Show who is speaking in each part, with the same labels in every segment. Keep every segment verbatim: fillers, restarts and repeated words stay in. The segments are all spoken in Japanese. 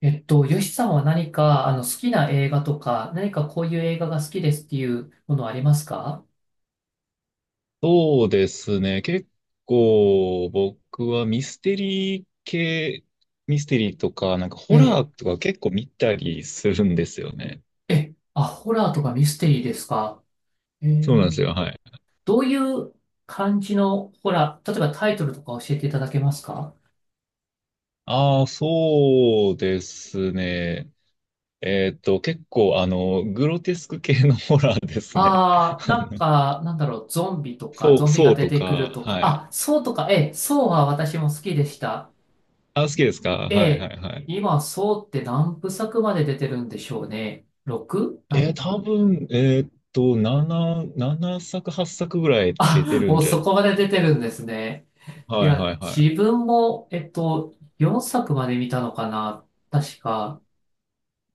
Speaker 1: えっと、ヨシさんは何か、あの、好きな映画とか、何かこういう映画が好きですっていうものありますか？
Speaker 2: そうですね。結構僕はミステリー系、ミステリーとか、なんかホラ
Speaker 1: え
Speaker 2: ーとか結構見たりするんですよね。
Speaker 1: え、え、あ、ホラーとかミステリーですか？え
Speaker 2: そうなんで
Speaker 1: え、
Speaker 2: すよ。はい。
Speaker 1: どういう感じのホラー、例えばタイトルとか教えていただけますか？
Speaker 2: ああ、そうですね。えっと、結構あの、グロテスク系のホラーですね。
Speaker 1: ああー、
Speaker 2: あ
Speaker 1: なん
Speaker 2: の
Speaker 1: か、なんだろう、ゾンビとか、
Speaker 2: そう、
Speaker 1: ゾンビ
Speaker 2: そ
Speaker 1: が
Speaker 2: う
Speaker 1: 出
Speaker 2: と
Speaker 1: てくる
Speaker 2: か、
Speaker 1: とか、
Speaker 2: はい。
Speaker 1: あ、そうとか、ええ、そうは私も好きでした。
Speaker 2: あ、好きですか？
Speaker 1: え
Speaker 2: はいは
Speaker 1: え、
Speaker 2: いはい。
Speaker 1: 今、そうって何部作まで出てるんでしょうね。の
Speaker 2: えー、多分、えーっと、なな、ななさく、はっさくぐらいって出て
Speaker 1: あ、
Speaker 2: る
Speaker 1: も
Speaker 2: ん
Speaker 1: う
Speaker 2: じゃない
Speaker 1: そ
Speaker 2: で
Speaker 1: こ
Speaker 2: す
Speaker 1: ま
Speaker 2: か
Speaker 1: で出
Speaker 2: ね。
Speaker 1: てるんですね。い
Speaker 2: はい
Speaker 1: や、
Speaker 2: はいはい。
Speaker 1: 自分も、えっと、よんさくまで見たのかな確か、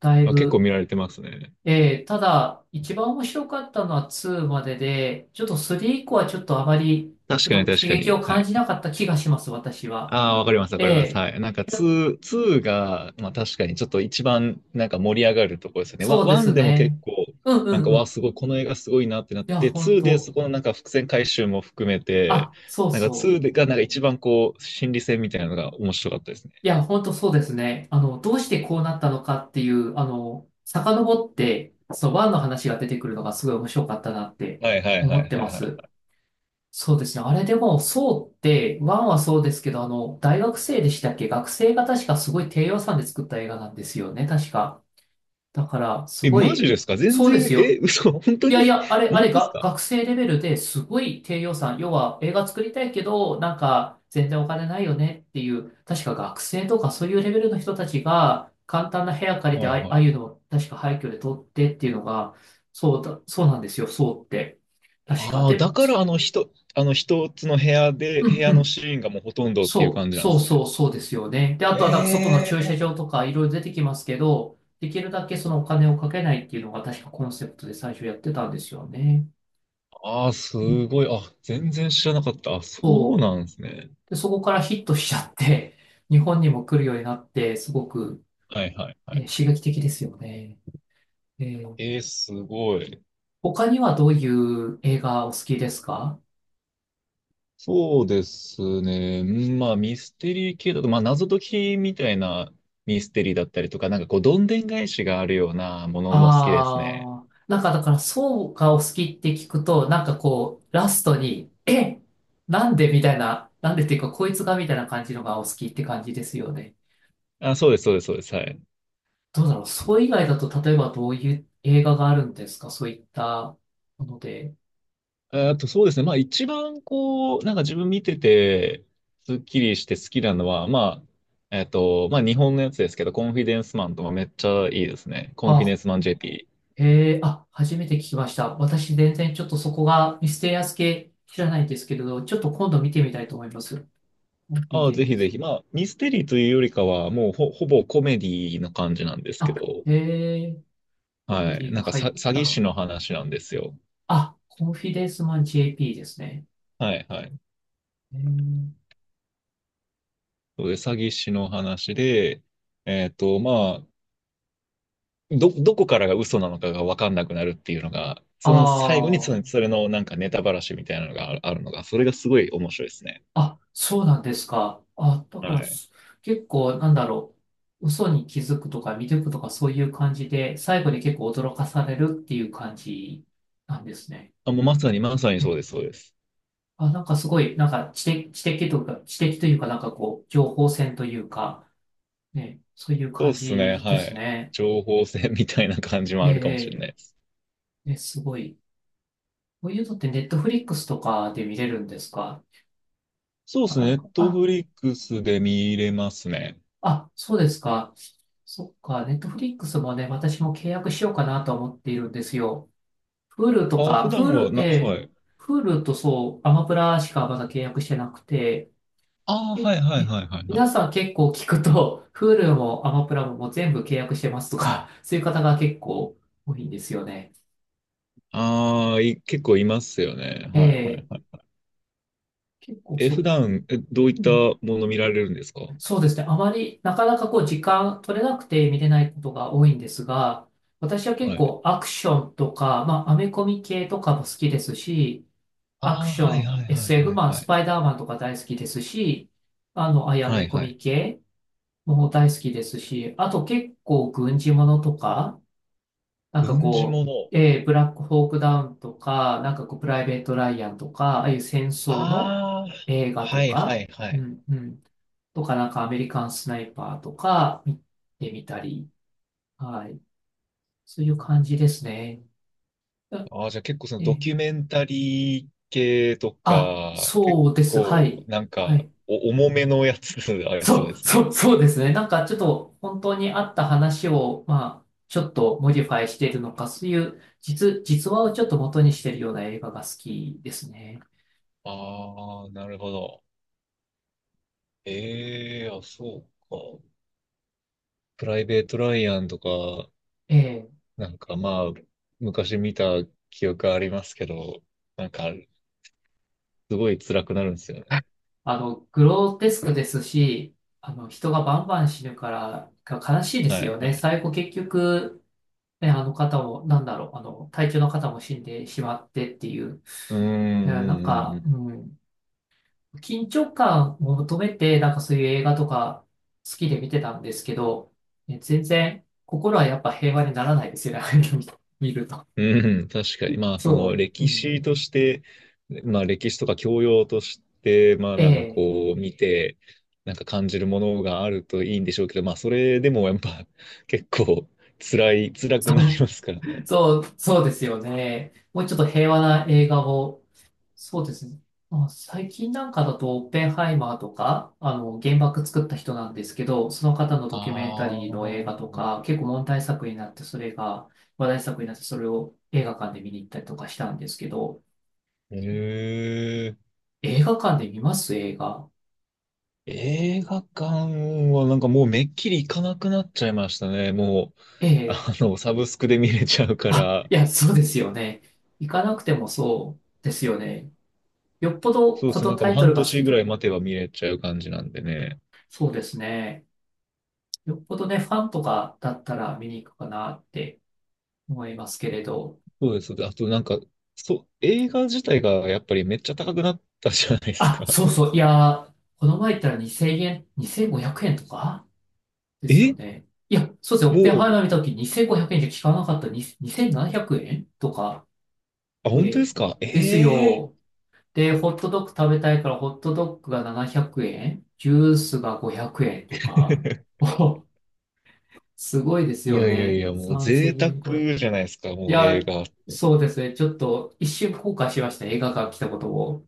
Speaker 1: だい
Speaker 2: あ、結構
Speaker 1: ぶ。
Speaker 2: 見られてますね。
Speaker 1: ええ、ただ、一番面白かったのはツーまでで、ちょっとスリー以降はちょっとあまり、ち
Speaker 2: 確
Speaker 1: ょっ
Speaker 2: かに
Speaker 1: と刺
Speaker 2: 確か
Speaker 1: 激を
Speaker 2: に。は
Speaker 1: 感
Speaker 2: い。
Speaker 1: じなかった気がします、私は。
Speaker 2: ああ、わかりますわ
Speaker 1: え
Speaker 2: かります。
Speaker 1: え、
Speaker 2: はい。なんかツー、ツーが、まあ確かにちょっと一番なんか盛り上がるところですよね。ワ
Speaker 1: そうです
Speaker 2: ワンでも結
Speaker 1: ね。
Speaker 2: 構、
Speaker 1: うんう
Speaker 2: なんか
Speaker 1: んう
Speaker 2: わあ、
Speaker 1: ん。
Speaker 2: すごい、この映画すごいなってなっ
Speaker 1: いや、
Speaker 2: て、
Speaker 1: 本
Speaker 2: ツーでそ
Speaker 1: 当。
Speaker 2: このなんか伏線回収も含めて、
Speaker 1: あ、そう
Speaker 2: なんか
Speaker 1: そ
Speaker 2: ツー
Speaker 1: う。
Speaker 2: でがなんか一番こう、心理戦みたいなのが面白かったですね。
Speaker 1: いや、本当そうですね。あの、どうしてこうなったのかっていう、あの、遡って、そのワンの話が出てくるのがすごい面白かったなって
Speaker 2: はいはいは
Speaker 1: 思っ
Speaker 2: い
Speaker 1: て
Speaker 2: は
Speaker 1: ま
Speaker 2: いは
Speaker 1: す。
Speaker 2: い。
Speaker 1: そうですね。あれでも、そうって、ワンはそうですけど、あの、大学生でしたっけ、学生が確かすごい低予算で作った映画なんですよね、確か。だから、す
Speaker 2: え、
Speaker 1: ご
Speaker 2: マジ
Speaker 1: い、
Speaker 2: ですか？全
Speaker 1: そうで
Speaker 2: 然、
Speaker 1: す
Speaker 2: え、
Speaker 1: よ。
Speaker 2: 嘘、本当
Speaker 1: いや
Speaker 2: に？
Speaker 1: いや、あれ、
Speaker 2: 本
Speaker 1: あ
Speaker 2: 当
Speaker 1: れ
Speaker 2: です
Speaker 1: が、
Speaker 2: か？
Speaker 1: 学生レベルですごい低予算。要は映画作りたいけど、なんか全然お金ないよねっていう、確か学生とかそういうレベルの人たちが簡単な部屋借りて、あ
Speaker 2: はい
Speaker 1: あ
Speaker 2: は
Speaker 1: あいう
Speaker 2: い。
Speaker 1: のを確か廃墟で撮ってっていうのが、そうだ、そうなんですよ、そうって。確か。
Speaker 2: ああ、
Speaker 1: で
Speaker 2: だ
Speaker 1: も、
Speaker 2: か
Speaker 1: そ
Speaker 2: らあの一、あの一つの部屋で、
Speaker 1: う
Speaker 2: 部
Speaker 1: んう
Speaker 2: 屋の
Speaker 1: ん。
Speaker 2: シーンがもうほとんどっていう
Speaker 1: そ
Speaker 2: 感
Speaker 1: う、
Speaker 2: じなんで
Speaker 1: そう
Speaker 2: すね。
Speaker 1: そう、そうですよね。で、あとはなんか外の駐車
Speaker 2: ええ、
Speaker 1: 場とかいろいろ出てきますけど、できるだけそのお金をかけないっていうのが確かコンセプトで最初やってたんですよね。
Speaker 2: ああ、すごい。あ、全然知らなかった。あ、そう
Speaker 1: そう
Speaker 2: なんですね。
Speaker 1: で、そこからヒットしちゃって、日本にも来るようになって、すごく、
Speaker 2: はいはいは
Speaker 1: え
Speaker 2: い。
Speaker 1: ー刺激的ですよね。えー
Speaker 2: ええ、すごい。
Speaker 1: 他にはどういう映画お好きですか？
Speaker 2: そうですね。うん、まあ、ミステリー系だと、まあ、謎解きみたいなミステリーだったりとか、なんかこう、どんでん返しがあるようなものも好きですね。
Speaker 1: ああー、なんかだからそうがお好きって聞くと、なんかこう、ラストに、え、なんでみたいな、なんでっていうか、こいつがみたいな感じのがお好きって感じですよね。
Speaker 2: あ、そうです、そうです、そうです。はい。
Speaker 1: どうだろう、そう以外だと、例えばどういう映画があるんですか、そういったもので。
Speaker 2: えーっと、そうですね。まあ一番こう、なんか自分見てて、スッキリして好きなのは、まあ、えーっと、まあ日本のやつですけど、コンフィデンスマンとかめっちゃいいですね。コンフィデン
Speaker 1: あ
Speaker 2: スマン ジェーピー。
Speaker 1: えーあ、初めて聞きました。私、全然ちょっとそこがミステリアス系知らないんですけれど、ちょっと今度見てみたいと思います。コンフィ
Speaker 2: ああ、
Speaker 1: デ
Speaker 2: ぜひぜひ。まあ、ミステリーというよりかは、もうほ、ほぼコメディの感じなんですけ
Speaker 1: あ、
Speaker 2: ど、
Speaker 1: えー、コメ
Speaker 2: は
Speaker 1: デ
Speaker 2: い。
Speaker 1: ィ
Speaker 2: な
Speaker 1: が
Speaker 2: んかさ、
Speaker 1: 入っ
Speaker 2: 詐欺師
Speaker 1: た。
Speaker 2: の話なんですよ。
Speaker 1: あ、コンフィデンスマン ジェーピー ですね。
Speaker 2: はい、はい。
Speaker 1: えー、
Speaker 2: そうで、詐欺師の話で、えっと、まあ、ど、どこからが嘘なのかが分かんなくなるっていうのが、
Speaker 1: あ
Speaker 2: その最後にその、そ
Speaker 1: ー
Speaker 2: れのなんかネタばらしみたいなのがあるあるのが、それがすごい面白いですね。
Speaker 1: あ、そうなんですか。あ、だか
Speaker 2: は
Speaker 1: ら、
Speaker 2: い。
Speaker 1: す結構、なんだろう、嘘に気づくとか見抜くとかそういう感じで、最後に結構驚かされるっていう感じなんですね。
Speaker 2: あ、もうまさにまさにそうです、そうです。
Speaker 1: あ、なんかすごい、なんか知的、知的というか、知的というか、なんかこう、情報戦というか、ね、そういう
Speaker 2: そうで
Speaker 1: 感
Speaker 2: すね、
Speaker 1: じで
Speaker 2: は
Speaker 1: す
Speaker 2: い。
Speaker 1: ね。
Speaker 2: 情報戦みたいな感じも
Speaker 1: え
Speaker 2: あるかもし
Speaker 1: え、
Speaker 2: れないです。
Speaker 1: ええ、え、すごい。こういうのってネットフリックスとかで見れるんですか？
Speaker 2: そうで
Speaker 1: な
Speaker 2: す
Speaker 1: か
Speaker 2: ね、ネ
Speaker 1: な
Speaker 2: ッ
Speaker 1: か。
Speaker 2: ト
Speaker 1: あ、
Speaker 2: フリックスで見れますね。
Speaker 1: あ、そうですか。そっか、ネットフリックスもね、私も契約しようかなと思っているんですよ。Hulu と
Speaker 2: あ、
Speaker 1: か、
Speaker 2: 普段は
Speaker 1: Hulu、え
Speaker 2: な、
Speaker 1: え、
Speaker 2: はい。
Speaker 1: Hulu とそう、アマプラしかまだ契約してなくて、
Speaker 2: ああ、
Speaker 1: え、
Speaker 2: はいはい
Speaker 1: え、
Speaker 2: はいはいは
Speaker 1: 皆
Speaker 2: い。
Speaker 1: さん結構聞くと、Hulu もアマプラも全部契約してますとか、そういう方が結構多いんですよね。
Speaker 2: ああ、い、結構いますよね。
Speaker 1: え
Speaker 2: はいはい
Speaker 1: え、
Speaker 2: はい。
Speaker 1: 結構
Speaker 2: え、
Speaker 1: そ
Speaker 2: 普
Speaker 1: うか。
Speaker 2: 段、え、どういっ
Speaker 1: う
Speaker 2: た
Speaker 1: ん。
Speaker 2: もの見られるんですか？
Speaker 1: そうですね。あまり、なかなかこう、時間取れなくて見れないことが多いんですが、私は結
Speaker 2: はい。
Speaker 1: 構アクションとか、まあ、アメコミ系とかも好きですし、アク
Speaker 2: ああ、
Speaker 1: シ
Speaker 2: はい
Speaker 1: ョン、
Speaker 2: はいはい
Speaker 1: エスエフ、
Speaker 2: はい
Speaker 1: まあ、
Speaker 2: は
Speaker 1: ス
Speaker 2: い。
Speaker 1: パイダーマンとか大好きですし、あの、あや
Speaker 2: は
Speaker 1: め
Speaker 2: い
Speaker 1: コ
Speaker 2: はい。
Speaker 1: ミ系も大好きですし、あと結構軍事ものとか、なんか
Speaker 2: 軍事も
Speaker 1: こ
Speaker 2: の。
Speaker 1: う、えーブラックホークダウンとか、なんかこう、プライベート・ライアンとか、ああいう戦争の
Speaker 2: ああ、
Speaker 1: 映画と
Speaker 2: はいは
Speaker 1: か、
Speaker 2: いは
Speaker 1: う
Speaker 2: い。
Speaker 1: ん、うん、とか、なんかアメリカンスナイパーとか、見てみたり、はい。そういう感じですね。あ
Speaker 2: ああ、じゃあ結構その
Speaker 1: え
Speaker 2: ド
Speaker 1: ー
Speaker 2: キュメンタリー系と
Speaker 1: あ、
Speaker 2: か、結
Speaker 1: そうです。は
Speaker 2: 構
Speaker 1: い。
Speaker 2: なん
Speaker 1: は
Speaker 2: か
Speaker 1: い。
Speaker 2: お重めのやつ ありそう
Speaker 1: そ
Speaker 2: で
Speaker 1: う、
Speaker 2: す
Speaker 1: そ
Speaker 2: ね。
Speaker 1: う、そうですね。なんかちょっと本当にあった話を、まあ、ちょっとモディファイしているのか、そういう実、実話をちょっと元にしているような映画が好きですね。
Speaker 2: ああ、なるほど。ええ、あ、そうか。プライベート・ライアンとか、
Speaker 1: ええ、
Speaker 2: なんかまあ、昔見た記憶ありますけど、なんか、すごい辛くなるんですよね。
Speaker 1: あの、グロテスクですし、あの、人がバンバン死ぬから、が悲しいで
Speaker 2: は
Speaker 1: すよ
Speaker 2: い、は
Speaker 1: ね。
Speaker 2: い。
Speaker 1: 最後結局、ね、あの方も、なんだろう、あの、体調の方も死んでしまってっていう。
Speaker 2: うん、
Speaker 1: い
Speaker 2: う
Speaker 1: や、なん
Speaker 2: ん、う
Speaker 1: か、
Speaker 2: ん、
Speaker 1: うん、緊張感を求めて、なんかそういう映画とか好きで見てたんですけど、ね、全然心はやっぱ平和にならないですよね、ああいうの見見ると。
Speaker 2: うん、確かに。まあ、そ
Speaker 1: そ
Speaker 2: の
Speaker 1: う、う
Speaker 2: 歴
Speaker 1: ん、
Speaker 2: 史として、まあ、歴史とか教養として、まあ、
Speaker 1: え
Speaker 2: なんか
Speaker 1: え、
Speaker 2: こう、見て、なんか感じるものがあるといいんでしょうけど、まあ、それでもやっぱ、結構、辛い、辛く
Speaker 1: そ
Speaker 2: なり
Speaker 1: う、
Speaker 2: ますからね。
Speaker 1: そう、そうですよね。もうちょっと平和な映画を。そうですね。まあ、最近なんかだと、オッペンハイマーとか、あの、原爆作った人なんですけど、その方のド
Speaker 2: あ
Speaker 1: キュメンタリーの映画と
Speaker 2: あ。
Speaker 1: か、結構問題作になって、それが話題作になって、それを映画館で見に行ったりとかしたんですけど、
Speaker 2: へえ、
Speaker 1: 映画館で見ます映画？
Speaker 2: 映画館はなんかもうめっきり行かなくなっちゃいましたね。もう、
Speaker 1: え
Speaker 2: あ
Speaker 1: え。
Speaker 2: の、サブスクで見れちゃうか
Speaker 1: あ、
Speaker 2: ら、
Speaker 1: いや、そうですよね。行かなくてもそうですよね。よっぽど
Speaker 2: そうで
Speaker 1: こ
Speaker 2: すね、
Speaker 1: の
Speaker 2: なんかも
Speaker 1: タ
Speaker 2: う
Speaker 1: イトル
Speaker 2: 半
Speaker 1: が好
Speaker 2: 年
Speaker 1: き
Speaker 2: ぐ
Speaker 1: と
Speaker 2: らい
Speaker 1: か。
Speaker 2: 待てば見れちゃう感じなんでね。
Speaker 1: そうですね。よっぽどね、ファンとかだったら見に行くかなって思いますけれど。
Speaker 2: そうです。あとなんか、そう、映画自体がやっぱりめっちゃ高くなったじゃないです
Speaker 1: あ、
Speaker 2: か。
Speaker 1: そうそう。いやー、この前言ったらに ぜろえん、にせんごひゃくえんとか ですよ
Speaker 2: え、
Speaker 1: ね。いや、そうですね。オッ
Speaker 2: も
Speaker 1: ペンハイ
Speaker 2: う、
Speaker 1: マー見たときにせんごひゃくえんじゃ効かなかったににせんななひゃくえんとか
Speaker 2: あ、本当で
Speaker 1: で、
Speaker 2: すか？
Speaker 1: です
Speaker 2: ええ
Speaker 1: よ。で、ホットドッグ食べたいからホットドッグがななひゃくえん、ジュースがごひゃくえんとか。お、すごいです
Speaker 2: い
Speaker 1: よ
Speaker 2: やいやい
Speaker 1: ね。
Speaker 2: や、もう
Speaker 1: 3000
Speaker 2: 贅沢
Speaker 1: 円超え。
Speaker 2: じゃないですか、
Speaker 1: い
Speaker 2: もう
Speaker 1: や、
Speaker 2: 映画。
Speaker 1: そうですね。ちょっと一瞬後悔しました。映画館来たことを。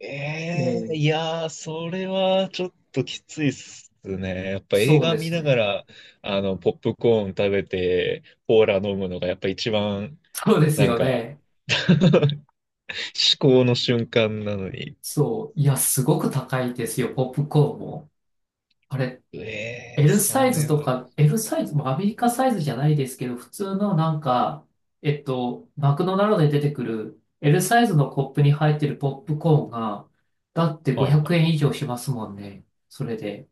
Speaker 2: え
Speaker 1: え
Speaker 2: え、
Speaker 1: ー
Speaker 2: いやー、それはちょっときついっすね。やっぱ映
Speaker 1: そう
Speaker 2: 画
Speaker 1: で
Speaker 2: 見
Speaker 1: す
Speaker 2: なが
Speaker 1: ね。
Speaker 2: ら、あの、ポップコーン食べて、コーラ飲むのがやっぱ一番、
Speaker 1: そうです
Speaker 2: なん
Speaker 1: よ
Speaker 2: か
Speaker 1: ね。
Speaker 2: 至高の瞬間なのに。
Speaker 1: そう、いや、すごく高いですよ、ポップコーンも。あれ、
Speaker 2: ええ、
Speaker 1: L サ
Speaker 2: そ
Speaker 1: イズ
Speaker 2: れ
Speaker 1: と
Speaker 2: は、
Speaker 1: か、L サイズ、まあアメリカサイズじゃないですけど、普通のなんか、えっと、マクドナルドで出てくる L サイズのコップに入ってるポップコーンが、だって
Speaker 2: はい
Speaker 1: 500
Speaker 2: はい。
Speaker 1: 円以上しますもんね。それで。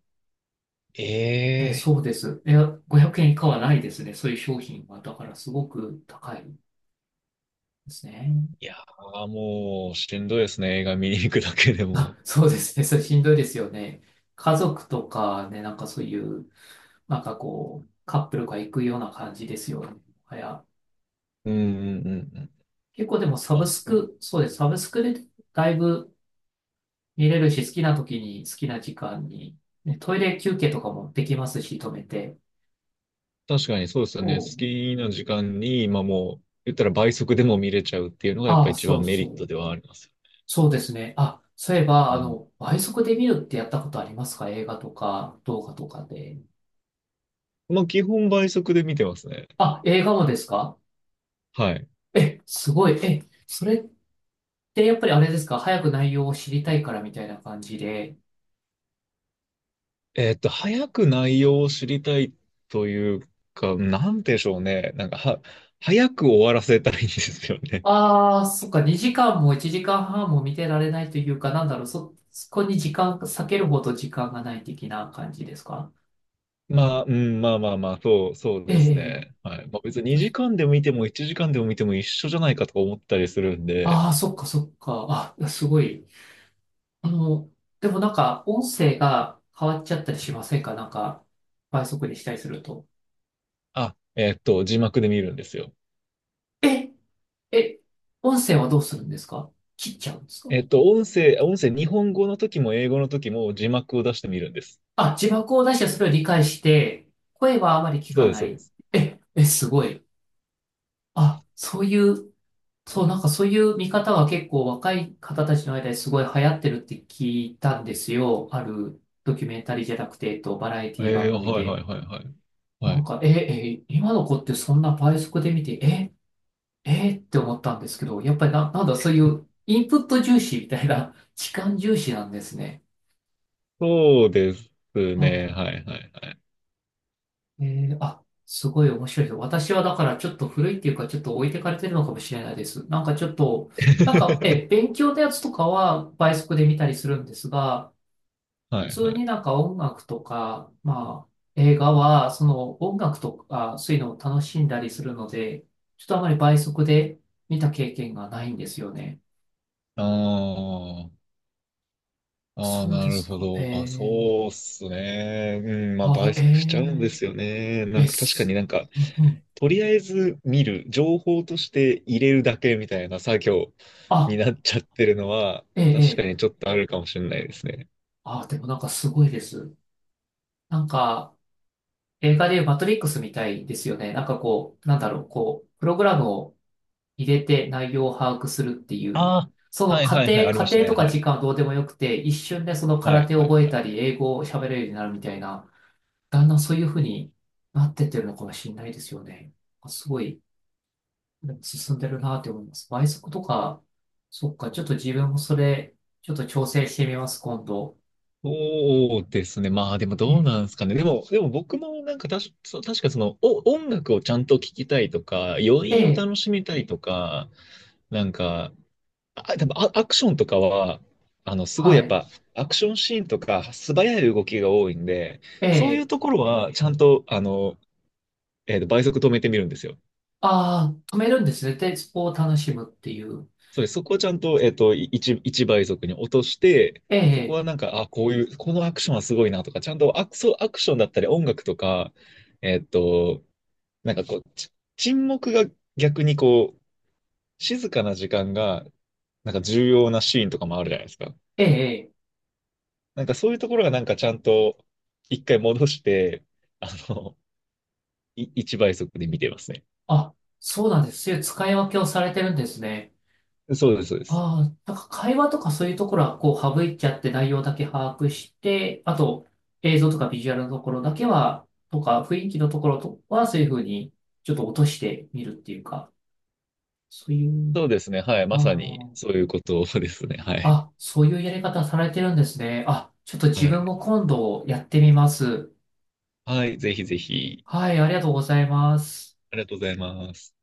Speaker 1: え、
Speaker 2: ええ、
Speaker 1: そうです。いや、ごひゃくえん以下はないですね。そういう商品は。だからすごく高いですね。
Speaker 2: いやー、もう、しんどいですね。映画見に行くだけでも。
Speaker 1: あ、そうですね。それしんどいですよね。家族とかね、なんかそういう、なんかこう、カップルが行くような感じですよね。いや、
Speaker 2: うんうんうんうん。
Speaker 1: 結構でもサブ
Speaker 2: あ、
Speaker 1: ス
Speaker 2: そう。
Speaker 1: ク、そうです。サブスクでだいぶ見れるし、好きな時に好きな時間に、ね、トイレ休憩とかもできますし、止めて。
Speaker 2: 確かにそうですよね。
Speaker 1: そ
Speaker 2: 好
Speaker 1: う。
Speaker 2: きな時間に、まあもう、言ったら倍速でも見れちゃうっていうのがやっ
Speaker 1: あ
Speaker 2: ぱ
Speaker 1: あ、
Speaker 2: 一
Speaker 1: そ
Speaker 2: 番
Speaker 1: う
Speaker 2: メ
Speaker 1: そ
Speaker 2: リット
Speaker 1: う。
Speaker 2: ではあります。
Speaker 1: そうですね。あ、そういえば、
Speaker 2: う
Speaker 1: あ
Speaker 2: ん。
Speaker 1: の、倍速で見るってやったことありますか？映画とか、動画とかで。
Speaker 2: まあ基本倍速で見てますね。
Speaker 1: あ、映画もですか？
Speaker 2: はい。
Speaker 1: え、すごい。え、それってやっぱりあれですか？早く内容を知りたいからみたいな感じで。
Speaker 2: えーっと、早く内容を知りたいというか、なんでしょうね。なんか、は、早く終わらせたいんですよね。
Speaker 1: ああ、そっか、にじかんもいちじかんはんも見てられないというか、なんだろう、そ、そこに時間、避けるほど時間がない的な感じですか？
Speaker 2: まあ、うん、まあまあまあ、そう、そう
Speaker 1: え
Speaker 2: です
Speaker 1: え、
Speaker 2: ね。はい。まあ別ににじかんでも見てもいちじかんでも見ても一緒じゃないかとか思ったりするん
Speaker 1: あ
Speaker 2: で、
Speaker 1: あー、そっか、そっか、あ、すごい。あの、でもなんか、音声が変わっちゃったりしませんか？なんか、倍速にしたりすると。
Speaker 2: あ、えっと、字幕で見るんですよ。
Speaker 1: え、え、音声はどうするんですか？切っちゃうんですか？
Speaker 2: えっと、音声、音声、日本語の時も英語の時も字幕を出してみるんです。
Speaker 1: あ、字幕を出してそれを理解して、声はあまり聞
Speaker 2: そう
Speaker 1: か
Speaker 2: です、
Speaker 1: な
Speaker 2: そうで
Speaker 1: い。
Speaker 2: す。
Speaker 1: え、え、すごい。あ、そういう、そう、なんかそういう見方が結構若い方たちの間ですごい流行ってるって聞いたんですよ。あるドキュメンタリーじゃなくて、えっと、バラエ
Speaker 2: え
Speaker 1: ティ番
Speaker 2: ー、
Speaker 1: 組
Speaker 2: はいは
Speaker 1: で。
Speaker 2: いはいはい。は
Speaker 1: なん
Speaker 2: い。
Speaker 1: か、え、え、今の子ってそんな倍速で見て、え、えって思ったんですけど、やっぱりな、なんだそういうインプット重視みたいな、時間重視なんですね。
Speaker 2: そうです
Speaker 1: あ
Speaker 2: ね。
Speaker 1: あ、
Speaker 2: はいはいはい。
Speaker 1: えー、あ、すごい面白いです。私はだからちょっと古いっていうか、ちょっと置いてかれてるのかもしれないです。なんかちょっと、なんか、え、勉強のやつとかは倍速で見たりするんですが、普
Speaker 2: はい
Speaker 1: 通
Speaker 2: は
Speaker 1: に
Speaker 2: い。
Speaker 1: なんか音楽とか、まあ、映画は、その音楽とか、そういうのを楽しんだりするので、ちょっとあまり倍速で見た経験がないんですよね。
Speaker 2: ああ、ああ、
Speaker 1: そう
Speaker 2: な
Speaker 1: で
Speaker 2: る
Speaker 1: す
Speaker 2: ほ
Speaker 1: か。え
Speaker 2: ど。まあ
Speaker 1: え、
Speaker 2: そうっすね。うん、まあ
Speaker 1: あ、
Speaker 2: 倍速しちゃうんで
Speaker 1: え
Speaker 2: すよね。
Speaker 1: え
Speaker 2: なん
Speaker 1: え、
Speaker 2: か確か
Speaker 1: す、
Speaker 2: になんか、
Speaker 1: うんうん、
Speaker 2: とりあえず見る、情報として入れるだけみたいな作業
Speaker 1: あ、
Speaker 2: になっちゃってるのは、
Speaker 1: え
Speaker 2: 確か
Speaker 1: ええ
Speaker 2: に
Speaker 1: え、
Speaker 2: ちょっとあるかもしれないですね。
Speaker 1: あ、でもなんかすごいです。なんか、映画でいうマトリックスみたいですよね。なんかこう、なんだろう、こう、プログラムを入れて内容を把握するっていう、
Speaker 2: あ
Speaker 1: そ
Speaker 2: あ、
Speaker 1: の
Speaker 2: はい
Speaker 1: 過
Speaker 2: はいはい、
Speaker 1: 程、
Speaker 2: あり
Speaker 1: 過
Speaker 2: ました
Speaker 1: 程
Speaker 2: ね。
Speaker 1: とか
Speaker 2: は
Speaker 1: 時
Speaker 2: い。
Speaker 1: 間はどうでもよくて、一瞬でその
Speaker 2: は
Speaker 1: 空
Speaker 2: い
Speaker 1: 手を
Speaker 2: はい
Speaker 1: 覚え
Speaker 2: はい。
Speaker 1: たり、英語を喋れるようになるみたいな、だんだんそういうふうになってってるのかもしれないですよね。すごい進んでるなって思います。倍速とか、そっか、ちょっと自分もそれ、ちょっと調整してみます、今度。
Speaker 2: そうですね。まあでもどう
Speaker 1: え、
Speaker 2: なんですかね。でも、でも僕もなんかたし、そう確かその、お、音楽をちゃんと聴きたいとか、余韻を
Speaker 1: え、
Speaker 2: 楽しみたいとか、なんか、あ、でもア、アクションとかは、あの、すごい
Speaker 1: は
Speaker 2: やっ
Speaker 1: い、
Speaker 2: ぱ、アクションシーンとか、素早い動きが多いんで、そういう
Speaker 1: え、
Speaker 2: ところは、ちゃんと、あの、えっと、倍速止めてみるんですよ。
Speaker 1: ああ、止めるんですね。で、スポーを楽しむっていう。
Speaker 2: それ、そこをちゃんと、えっと、いち、一一倍速に落として、
Speaker 1: え
Speaker 2: そこ
Speaker 1: え、
Speaker 2: はなんか、あ、こういう、このアクションはすごいなとか、ちゃんとアク、そうアクションだったり、音楽とか、えっと、なんかこう、ち沈黙が逆にこう、静かな時間が、なんか重要なシーンとかもあるじゃないですか。
Speaker 1: ええ、
Speaker 2: なんかそういうところがなんかちゃんといっかい戻して、あの、い、一倍速で見てますね。
Speaker 1: あ、そうなんです。そういう使い分けをされてるんですね。
Speaker 2: そうです、そうです。
Speaker 1: ああ、なんか会話とかそういうところはこう省いちゃって内容だけ把握して、あと映像とかビジュアルのところだけは、とか雰囲気のところとはそういうふうにちょっと落としてみるっていうか、そういう、
Speaker 2: そうですね。はい。まさに
Speaker 1: あ
Speaker 2: そういうことですね。は
Speaker 1: あ、
Speaker 2: い。
Speaker 1: あ、そういうやり方されてるんですね。あ、ちょっと
Speaker 2: は
Speaker 1: 自分
Speaker 2: い。
Speaker 1: も今度やってみます。
Speaker 2: はい。ぜひぜひ。
Speaker 1: はい、ありがとうございます。
Speaker 2: ありがとうございます。